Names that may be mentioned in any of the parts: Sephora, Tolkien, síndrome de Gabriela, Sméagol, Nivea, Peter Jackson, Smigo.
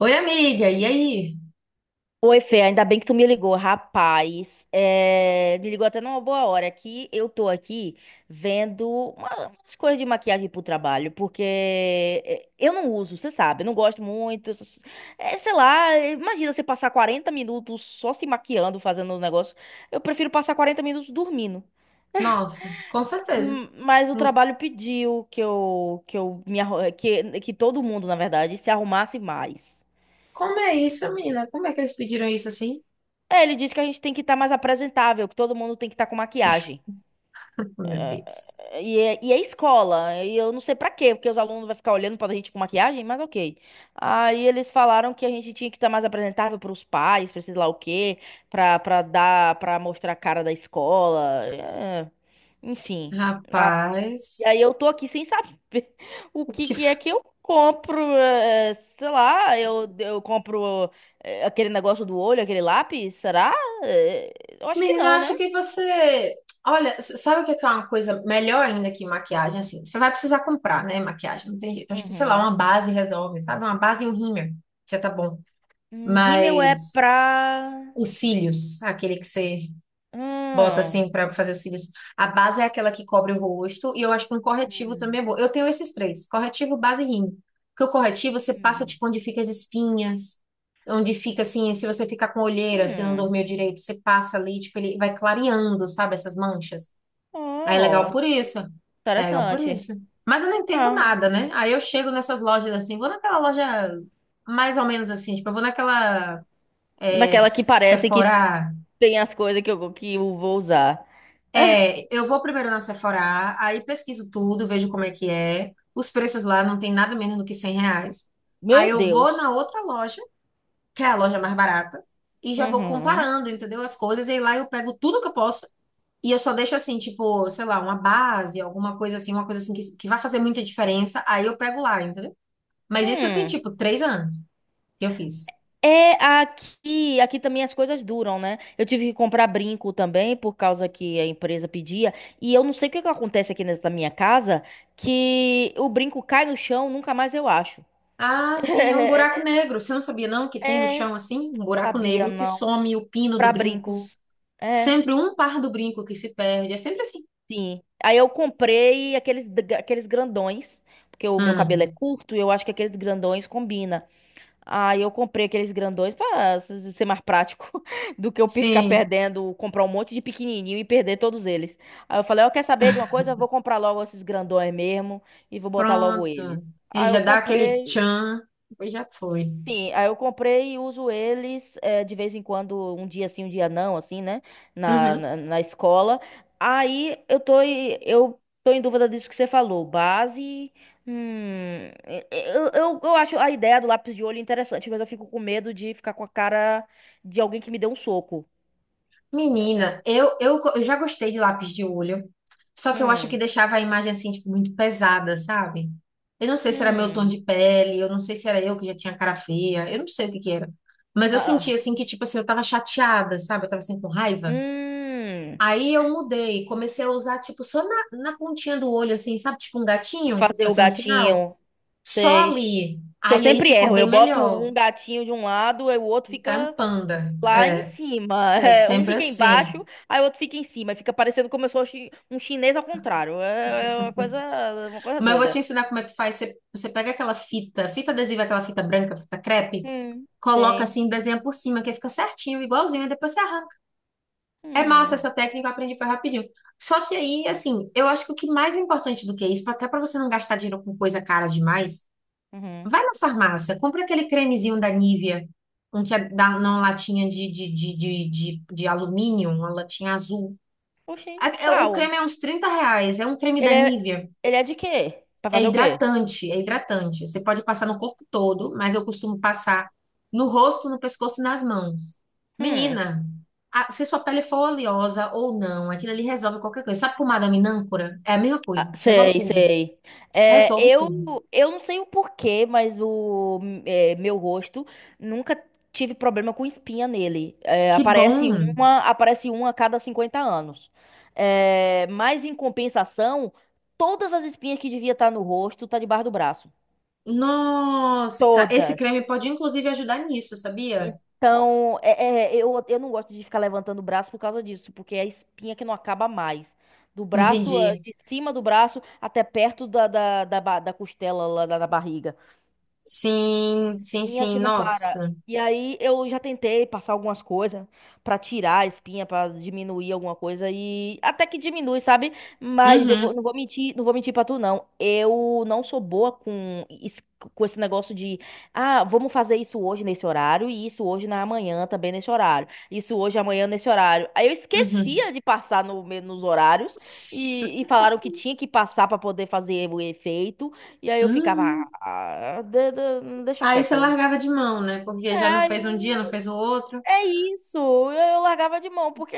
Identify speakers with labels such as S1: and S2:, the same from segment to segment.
S1: Oi, amiga, e aí?
S2: Oi, Fê, ainda bem que tu me ligou, rapaz. Me ligou até numa boa hora que eu tô aqui vendo umas coisas de maquiagem pro trabalho, porque eu não uso, você sabe, eu não gosto muito. Sei lá, imagina você passar 40 minutos só se maquiando, fazendo um negócio. Eu prefiro passar 40 minutos dormindo.
S1: Nossa, com certeza.
S2: Mas o
S1: Hum,
S2: trabalho pediu que eu me arru- que todo mundo, na verdade, se arrumasse mais.
S1: Como é isso, menina? Como é que eles pediram isso assim?
S2: Ele disse que a gente tem que estar mais apresentável, que todo mundo tem que estar com maquiagem.
S1: Meu Deus.
S2: É escola, e eu não sei pra quê, porque os alunos vão ficar olhando pra gente com maquiagem, mas ok. Aí eles falaram que a gente tinha que estar mais apresentável pros pais, pra sei lá o quê, pra mostrar a cara da escola, enfim. Ah, e
S1: Rapaz,
S2: aí eu tô aqui sem saber o
S1: o
S2: que
S1: que.
S2: que é
S1: fa-
S2: que eu compro, sei lá, eu compro aquele negócio do olho, aquele lápis, será? É, eu acho que
S1: menina, eu
S2: não, né?
S1: acho que você. Olha, sabe o que é uma coisa melhor ainda que maquiagem? Assim, você vai precisar comprar, né? Maquiagem, não tem jeito. Acho que, sei lá,
S2: Uhum.
S1: uma base resolve, sabe? Uma base e um rímel, já tá bom.
S2: Rímel é
S1: Mas
S2: pra.
S1: os cílios, aquele que você bota
S2: Hum.
S1: assim pra fazer os cílios. A base é aquela que cobre o rosto e eu acho que um corretivo
S2: Hum.
S1: também é bom. Eu tenho esses três: corretivo, base e rímel. Porque o corretivo você passa
S2: Hum.
S1: tipo onde fica as espinhas, onde fica assim, se você ficar com olheira, se não
S2: Hum.
S1: dormiu direito, você passa ali, tipo, ele vai clareando, sabe, essas manchas. Aí é legal
S2: Oh,
S1: por isso. É legal por
S2: interessante.
S1: isso. Mas eu não entendo
S2: Ah,
S1: nada, né? Aí eu chego nessas lojas assim, vou naquela loja mais ou menos assim, tipo, eu vou naquela
S2: daquela que parece que
S1: Sephora.
S2: tem as coisas que eu vou usar.
S1: É, eu vou primeiro na Sephora, aí pesquiso tudo, vejo como é que é. Os preços lá não tem nada menos do que 100 reais. Aí
S2: Meu
S1: eu vou
S2: Deus.
S1: na outra loja, que é a loja mais barata, e já vou
S2: Uhum.
S1: comparando, entendeu? As coisas, e lá eu pego tudo que eu posso, e eu só deixo assim, tipo, sei lá, uma base, alguma coisa assim, uma coisa assim que vai fazer muita diferença, aí eu pego lá, entendeu? Mas isso tem,
S2: Hum.
S1: tipo, três anos que eu fiz.
S2: É aqui, aqui também as coisas duram, né? Eu tive que comprar brinco também por causa que a empresa pedia, e eu não sei o que que acontece aqui nessa minha casa que o brinco cai no chão, nunca mais eu acho.
S1: Ah, sim, é um buraco negro. Você não sabia, não, que tem no
S2: É,
S1: chão assim? Um buraco
S2: Sabia,
S1: negro que
S2: não.
S1: some o pino do
S2: Pra
S1: brinco.
S2: brincos. É,
S1: Sempre um par do brinco que se perde. É sempre assim.
S2: sim. Aí eu comprei aqueles, aqueles grandões, porque o meu cabelo é
S1: Hum,
S2: curto e eu acho que aqueles grandões combina. Aí eu comprei aqueles grandões pra ser mais prático do que eu ficar
S1: sim,
S2: perdendo, comprar um monte de pequenininho e perder todos eles. Aí eu falei, eu quer saber de uma coisa? Eu vou comprar logo esses grandões mesmo e vou botar logo
S1: pronto.
S2: eles.
S1: E
S2: Aí eu
S1: já dá aquele
S2: comprei.
S1: tchan. Depois já foi.
S2: Sim, aí eu comprei e uso eles de vez em quando, um dia sim, um dia não, assim, né? Na,
S1: Uhum.
S2: na, na escola. Aí eu tô em dúvida disso que você falou. Base. Eu acho a ideia do lápis de olho interessante, mas eu fico com medo de ficar com a cara de alguém que me deu um soco.
S1: Menina, eu já gostei de lápis de olho. Só que eu acho que
S2: Hum,
S1: deixava a imagem assim, tipo, muito pesada, sabe? Eu não sei se era meu tom
S2: hum,
S1: de pele, eu não sei se era eu que já tinha cara feia, eu não sei o que que era. Mas eu
S2: ah,
S1: sentia
S2: ah,
S1: assim que, tipo assim, eu tava chateada, sabe? Eu tava assim com raiva.
S2: hum.
S1: Aí eu mudei, comecei a usar, tipo, só na pontinha do olho, assim, sabe? Tipo um
S2: Pra
S1: gatinho,
S2: fazer o
S1: assim, no final.
S2: gatinho,
S1: Só
S2: sei.
S1: ali.
S2: Que eu
S1: Aí
S2: sempre
S1: ficou
S2: erro. Eu
S1: bem
S2: boto
S1: melhor.
S2: um gatinho de um lado e o outro
S1: Tá um
S2: fica.
S1: panda.
S2: Lá em
S1: É,
S2: cima.
S1: é
S2: É, um
S1: sempre
S2: fica
S1: assim.
S2: embaixo, aí o outro fica em cima. Fica parecendo como um chinês ao contrário. É uma coisa
S1: Mas eu vou te
S2: doida.
S1: ensinar como é que faz. Você pega aquela fita, fita adesiva, aquela fita branca, fita crepe,
S2: Hum.
S1: coloca
S2: Tenho.
S1: assim, desenha por cima, que fica certinho, igualzinho, e depois você arranca. É massa
S2: Hum.
S1: essa técnica, eu aprendi foi rapidinho. Só que aí, assim, eu acho que o que mais é importante do que isso, até pra você não gastar dinheiro com coisa cara demais,
S2: Uhum.
S1: vai na farmácia, compra aquele cremezinho da Nivea, um que é da, numa latinha de alumínio, uma latinha azul.
S2: Oxi,
S1: O
S2: qual?
S1: creme é uns 30 reais, é um creme da
S2: Ele é,
S1: Nivea.
S2: ele é de quê? Pra
S1: É
S2: fazer o quê?
S1: hidratante, é hidratante. Você pode passar no corpo todo, mas eu costumo passar no rosto, no pescoço e nas mãos.
S2: Hum.
S1: Menina, se sua pele for oleosa ou não, aquilo ali resolve qualquer coisa. Sabe pomada minâncora? É a mesma
S2: Ah,
S1: coisa, resolve
S2: sei,
S1: tudo.
S2: sei.
S1: Resolve tudo.
S2: Eu não sei o porquê, mas meu rosto nunca tive problema com espinha nele.
S1: Que bom!
S2: Aparece uma a cada 50 anos. É, mas em compensação, todas as espinhas que devia estar no rosto tá debaixo do braço.
S1: Nossa, esse
S2: Todas.
S1: creme pode inclusive ajudar nisso, sabia?
S2: Então, eu não gosto de ficar levantando o braço por causa disso, porque é a espinha que não acaba mais. Do braço,
S1: Entendi.
S2: de cima do braço até perto da costela lá da barriga.
S1: Sim, sim,
S2: Espinha
S1: sim.
S2: que não para.
S1: Nossa.
S2: E aí eu já tentei passar algumas coisas pra tirar a espinha, pra diminuir alguma coisa e até que diminui, sabe?
S1: Uhum,
S2: Não vou mentir, não vou mentir para tu não. Eu não sou boa com es- com esse negócio de, ah, vamos fazer isso hoje nesse horário e isso hoje na manhã também nesse horário. Isso hoje amanhã nesse horário. Aí eu
S1: uhum.
S2: esquecia de passar no, me- nos horários e falaram que tinha que passar pra poder fazer o efeito. E aí eu ficava,
S1: Hum.
S2: ah, deixa
S1: Aí você
S2: quieto.
S1: largava de mão, né? Porque já não
S2: É,
S1: fez um dia,
S2: eu...
S1: não fez o outro.
S2: é isso. Eu largava de mão, porque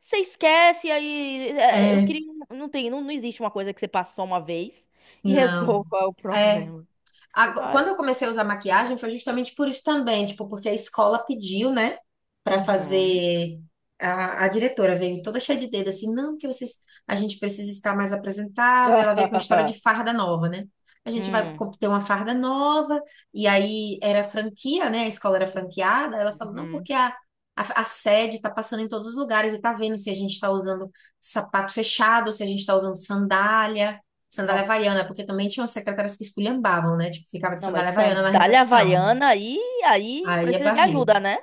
S2: você esquece, eu
S1: É,
S2: queria. Não tem, não, não existe uma coisa que você passa só uma vez e
S1: não.
S2: resolva o
S1: É.
S2: problema.
S1: Quando eu
S2: Ai.
S1: comecei a usar maquiagem foi justamente por isso também, tipo, porque a escola pediu, né, pra
S2: Uhum.
S1: fazer a diretora veio toda cheia de dedo assim, não, porque vocês a gente precisa estar mais apresentável, ela veio com a história de farda nova, né? A gente vai
S2: Hum.
S1: ter uma farda nova, e aí era franquia, né? A escola era franqueada. Ela falou, não,
S2: Uhum.
S1: porque a sede tá passando em todos os lugares e tá vendo se a gente tá usando sapato fechado, se a gente tá usando sandália
S2: Nossa.
S1: havaiana, porque também tinham secretárias que esculhambavam, né? Tipo, ficava de
S2: Não, mas
S1: sandália havaiana na
S2: sandália
S1: recepção.
S2: havaiana aí, aí
S1: Aí é
S2: precisa de
S1: barril.
S2: ajuda, né?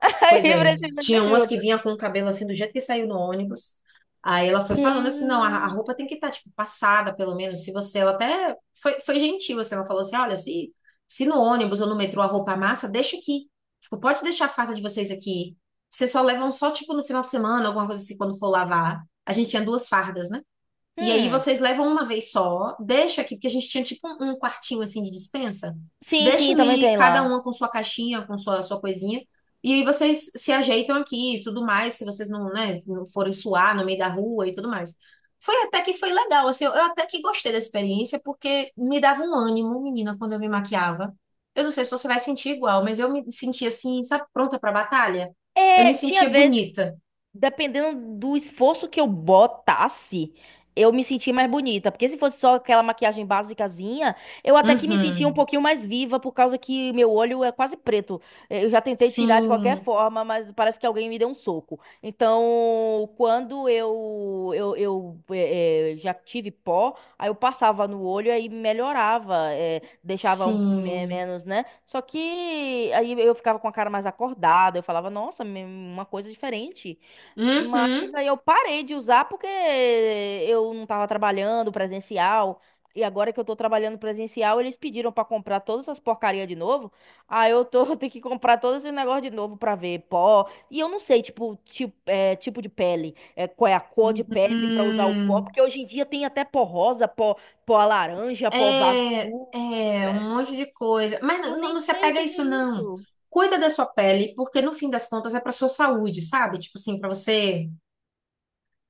S2: Aí
S1: Pois é,
S2: precisa de
S1: tinha umas que
S2: ajuda.
S1: vinha com o cabelo assim, do jeito que saiu no ônibus. Aí ela foi falando assim, não, a
S2: Que...
S1: roupa tem que estar, tipo, passada, pelo menos, se você... Ela até foi, foi gentil, assim, ela falou assim, olha, se no ônibus ou no metrô a roupa amassa, deixa aqui. Tipo, pode deixar a farda de vocês aqui. Vocês só levam só, tipo, no final de semana, alguma coisa assim, quando for lavar. A gente tinha duas fardas, né? E aí
S2: Hum.
S1: vocês levam uma vez só, deixa aqui, porque a gente tinha tipo um quartinho assim de dispensa.
S2: Sim,
S1: Deixa
S2: sim, também
S1: ali
S2: tem
S1: cada
S2: lá.
S1: uma com sua caixinha, com sua coisinha. E aí vocês se ajeitam aqui e tudo mais, se vocês não, né, não forem suar no meio da rua e tudo mais. Foi até que foi legal, assim, eu até que gostei da experiência, porque me dava um ânimo, menina, quando eu me maquiava. Eu não sei se você vai sentir igual, mas eu me sentia assim, sabe, pronta pra batalha? Eu me
S2: É, tinha
S1: sentia
S2: vezes
S1: bonita.
S2: dependendo do esforço que eu botasse, eu me sentia mais bonita. Porque se fosse só aquela maquiagem basicazinha, eu até que me sentia um
S1: Uhum.
S2: pouquinho mais viva, por causa que meu olho é quase preto. É, eu já tentei tirar de qualquer
S1: Sim,
S2: forma, mas parece que alguém me deu um soco. Então, quando eu já tive pó, aí eu passava no olho aí melhorava, deixava um,
S1: sim.
S2: menos, né? Só que aí eu ficava com a cara mais acordada, eu falava, nossa, uma coisa diferente.
S1: Uhum,
S2: Mas aí eu parei de usar porque eu não tava trabalhando presencial. E agora que eu tô trabalhando presencial, eles pediram pra comprar todas essas porcarias de novo. Aí eu tô, eu tenho que comprar todo esse negócio de novo pra ver pó. E eu não sei, tipo de pele, é, qual é a cor de pele pra usar o pó,
S1: uhum.
S2: porque hoje em dia tem até pó rosa, pó laranja, pó
S1: É,
S2: azul.
S1: é um
S2: É,
S1: monte de coisa. Mas
S2: eu
S1: não,
S2: nem
S1: não se
S2: sei o
S1: apega a
S2: que que é
S1: isso, não.
S2: isso.
S1: Cuida da sua pele, porque no fim das contas é pra sua saúde, sabe? Tipo assim,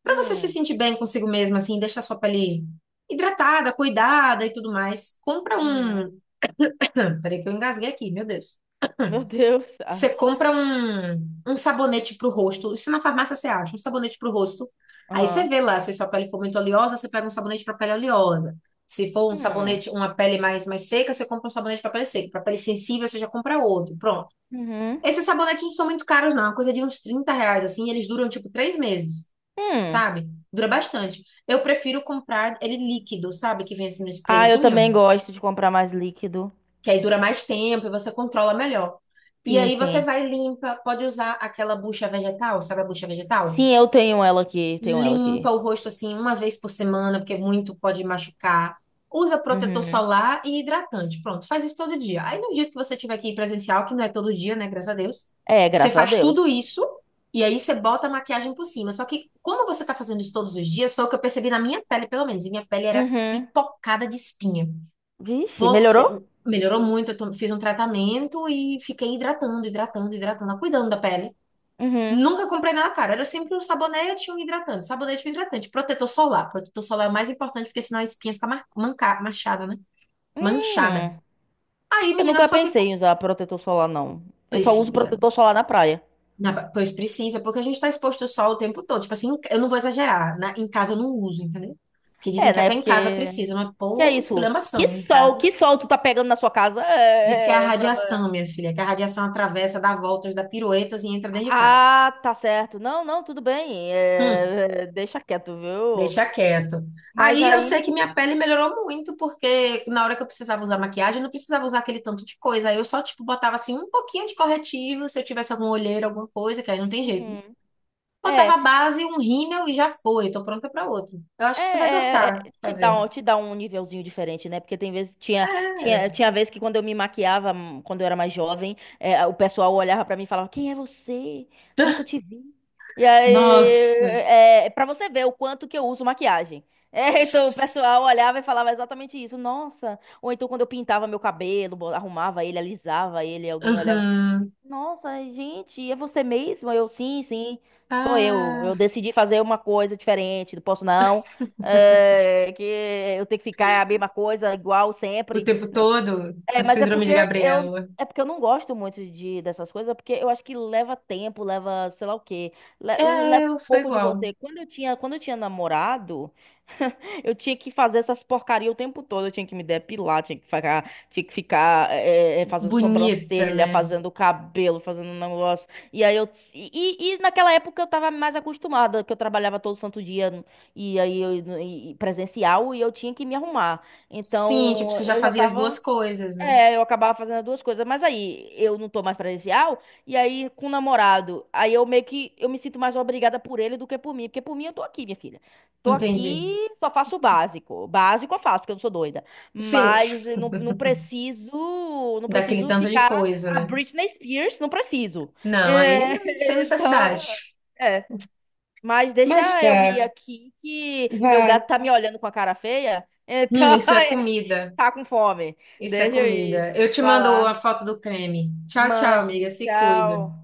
S1: para você se
S2: Hum,
S1: sentir bem consigo mesmo, assim, deixar a sua pele hidratada, cuidada e tudo mais. Compra
S2: uhum.
S1: um. Peraí que eu engasguei aqui, meu Deus.
S2: Meu Deus.
S1: Você
S2: as-
S1: compra um sabonete pro rosto. Isso na farmácia você acha, um sabonete pro rosto. Aí você
S2: Aham.
S1: vê lá, se sua pele for muito oleosa, você pega um sabonete para pele oleosa. Se for um
S2: Hum,
S1: sabonete, uma pele mais seca, você compra um sabonete para pele seca. Para pele sensível, você já compra outro. Pronto.
S2: uhum.
S1: Esses sabonetes não são muito caros, não. É uma coisa de uns 30 reais, assim. E eles duram, tipo, três meses,
S2: Hum.
S1: sabe? Dura bastante. Eu prefiro comprar ele líquido, sabe? Que vem assim no
S2: Ah, eu
S1: sprayzinho
S2: também gosto de comprar mais líquido.
S1: que aí dura mais tempo e você controla melhor. E
S2: Sim,
S1: aí você
S2: sim.
S1: vai limpa, pode usar aquela bucha vegetal, sabe a bucha vegetal?
S2: Sim, eu tenho ela aqui, tenho ela aqui.
S1: Limpa o rosto assim uma vez por semana, porque muito pode machucar. Usa protetor
S2: Uhum.
S1: solar e hidratante. Pronto, faz isso todo dia. Aí nos dias que você tiver que ir presencial, que não é todo dia, né, graças a Deus,
S2: É,
S1: você
S2: graças a
S1: faz tudo
S2: Deus.
S1: isso e aí você bota a maquiagem por cima. Só que como você tá fazendo isso todos os dias, foi o que eu percebi na minha pele, pelo menos, e minha pele era
S2: Uhum.
S1: pipocada de espinha.
S2: Vixe,
S1: Você
S2: melhorou?
S1: melhorou muito, fiz um tratamento e fiquei hidratando, hidratando, hidratando, cuidando da pele.
S2: Uhum.
S1: Nunca comprei nada caro, era sempre um sabonete e um hidratante, sabonete e um hidratante, protetor solar. Protetor solar é o mais importante porque senão a espinha fica manchada, né? Manchada.
S2: Hum.
S1: Aí,
S2: Eu
S1: menina,
S2: nunca
S1: só que
S2: pensei em usar protetor solar, não. Eu só uso
S1: precisa.
S2: protetor solar na praia.
S1: Pois precisa, porque a gente está exposto ao sol o tempo todo. Tipo assim, eu não vou exagerar, em casa eu não uso, entendeu? Que dizem
S2: É,
S1: que
S2: né?
S1: até em casa
S2: Porque.
S1: precisa, mas
S2: Que é
S1: pô,
S2: isso?
S1: esculhambação em casa.
S2: Que sol tu tá pegando na sua casa?
S1: Diz que é a
S2: Pra...
S1: radiação, minha filha, que a radiação atravessa, dá voltas, dá piruetas e entra dentro de casa.
S2: Ah, tá certo. Não, não, tudo bem.
S1: Hum,
S2: Deixa quieto, viu?
S1: deixa quieto.
S2: Mas
S1: Aí eu sei que
S2: aí.
S1: minha pele melhorou muito, porque na hora que eu precisava usar maquiagem, eu não precisava usar aquele tanto de coisa. Aí eu só, tipo, botava assim um pouquinho de corretivo, se eu tivesse alguma olheira, alguma coisa, que aí não tem jeito, né?
S2: Uhum.
S1: Botava a
S2: É.
S1: base, um rímel e já foi. Tô pronta pra outro. Eu acho que você vai gostar de fazer.
S2: Te dá um nívelzinho diferente, né? Porque tem vezes, tinha,
S1: É.
S2: tinha, tinha vez que quando eu me maquiava, quando eu era mais jovem, o pessoal olhava pra mim e falava, quem é você? Nunca te vi. E aí,
S1: Nossa.
S2: pra você ver o quanto que eu uso maquiagem. É, então o pessoal olhava e falava exatamente isso. Nossa, ou então quando eu pintava meu cabelo, arrumava ele, alisava ele, alguém olhava assim,
S1: Aham.
S2: nossa, gente, é você mesmo? Eu, sim, sim, sou eu. Eu
S1: Ah,
S2: decidi fazer uma coisa diferente, não posso não que eu tenho que ficar a mesma coisa, igual
S1: o
S2: sempre.
S1: tempo todo, a
S2: É, mas é
S1: síndrome de
S2: porque eu
S1: Gabriela.
S2: é porque eu não gosto muito de dessas coisas, porque eu acho que leva tempo, leva, sei lá o quê,
S1: É,
S2: leva um
S1: eu sou
S2: pouco de
S1: igual.
S2: você. Quando eu tinha namorado, eu tinha que fazer essas porcaria o tempo todo, eu tinha que me depilar, tinha que ficar fazendo
S1: Bonita,
S2: sobrancelha,
S1: né?
S2: fazendo cabelo, fazendo um negócio. E aí eu e naquela época eu tava mais acostumada, que eu trabalhava todo santo dia e aí eu, e presencial e eu tinha que me arrumar.
S1: Sim, tipo,
S2: Então,
S1: você já
S2: eu já
S1: fazia as duas
S2: tava
S1: coisas, né?
S2: eu acabava fazendo as duas coisas, mas aí eu não tô mais presencial, e aí com o namorado, aí eu meio que eu me sinto mais obrigada por ele do que por mim, porque por mim eu tô aqui, minha filha. Tô
S1: Entendi.
S2: aqui, só faço o básico. Básico eu faço, porque eu não sou doida.
S1: Sim,
S2: Mas eu não, não preciso, não
S1: daquele
S2: preciso
S1: tanto de
S2: ficar
S1: coisa,
S2: a
S1: né?
S2: Britney Spears, não preciso.
S1: Não, aí não, sem
S2: É, então,
S1: necessidade.
S2: é. Mas deixa
S1: Mas tá,
S2: eu ir aqui que meu
S1: vá.
S2: gato tá me olhando com a cara feia. Então,
S1: Isso é comida.
S2: Tá com fome.
S1: Isso é
S2: Deixa eu ir.
S1: comida. Eu te
S2: Vai
S1: mando a
S2: lá.
S1: foto do creme. Tchau, tchau, amiga.
S2: Mande.
S1: Se
S2: Tchau.
S1: cuida.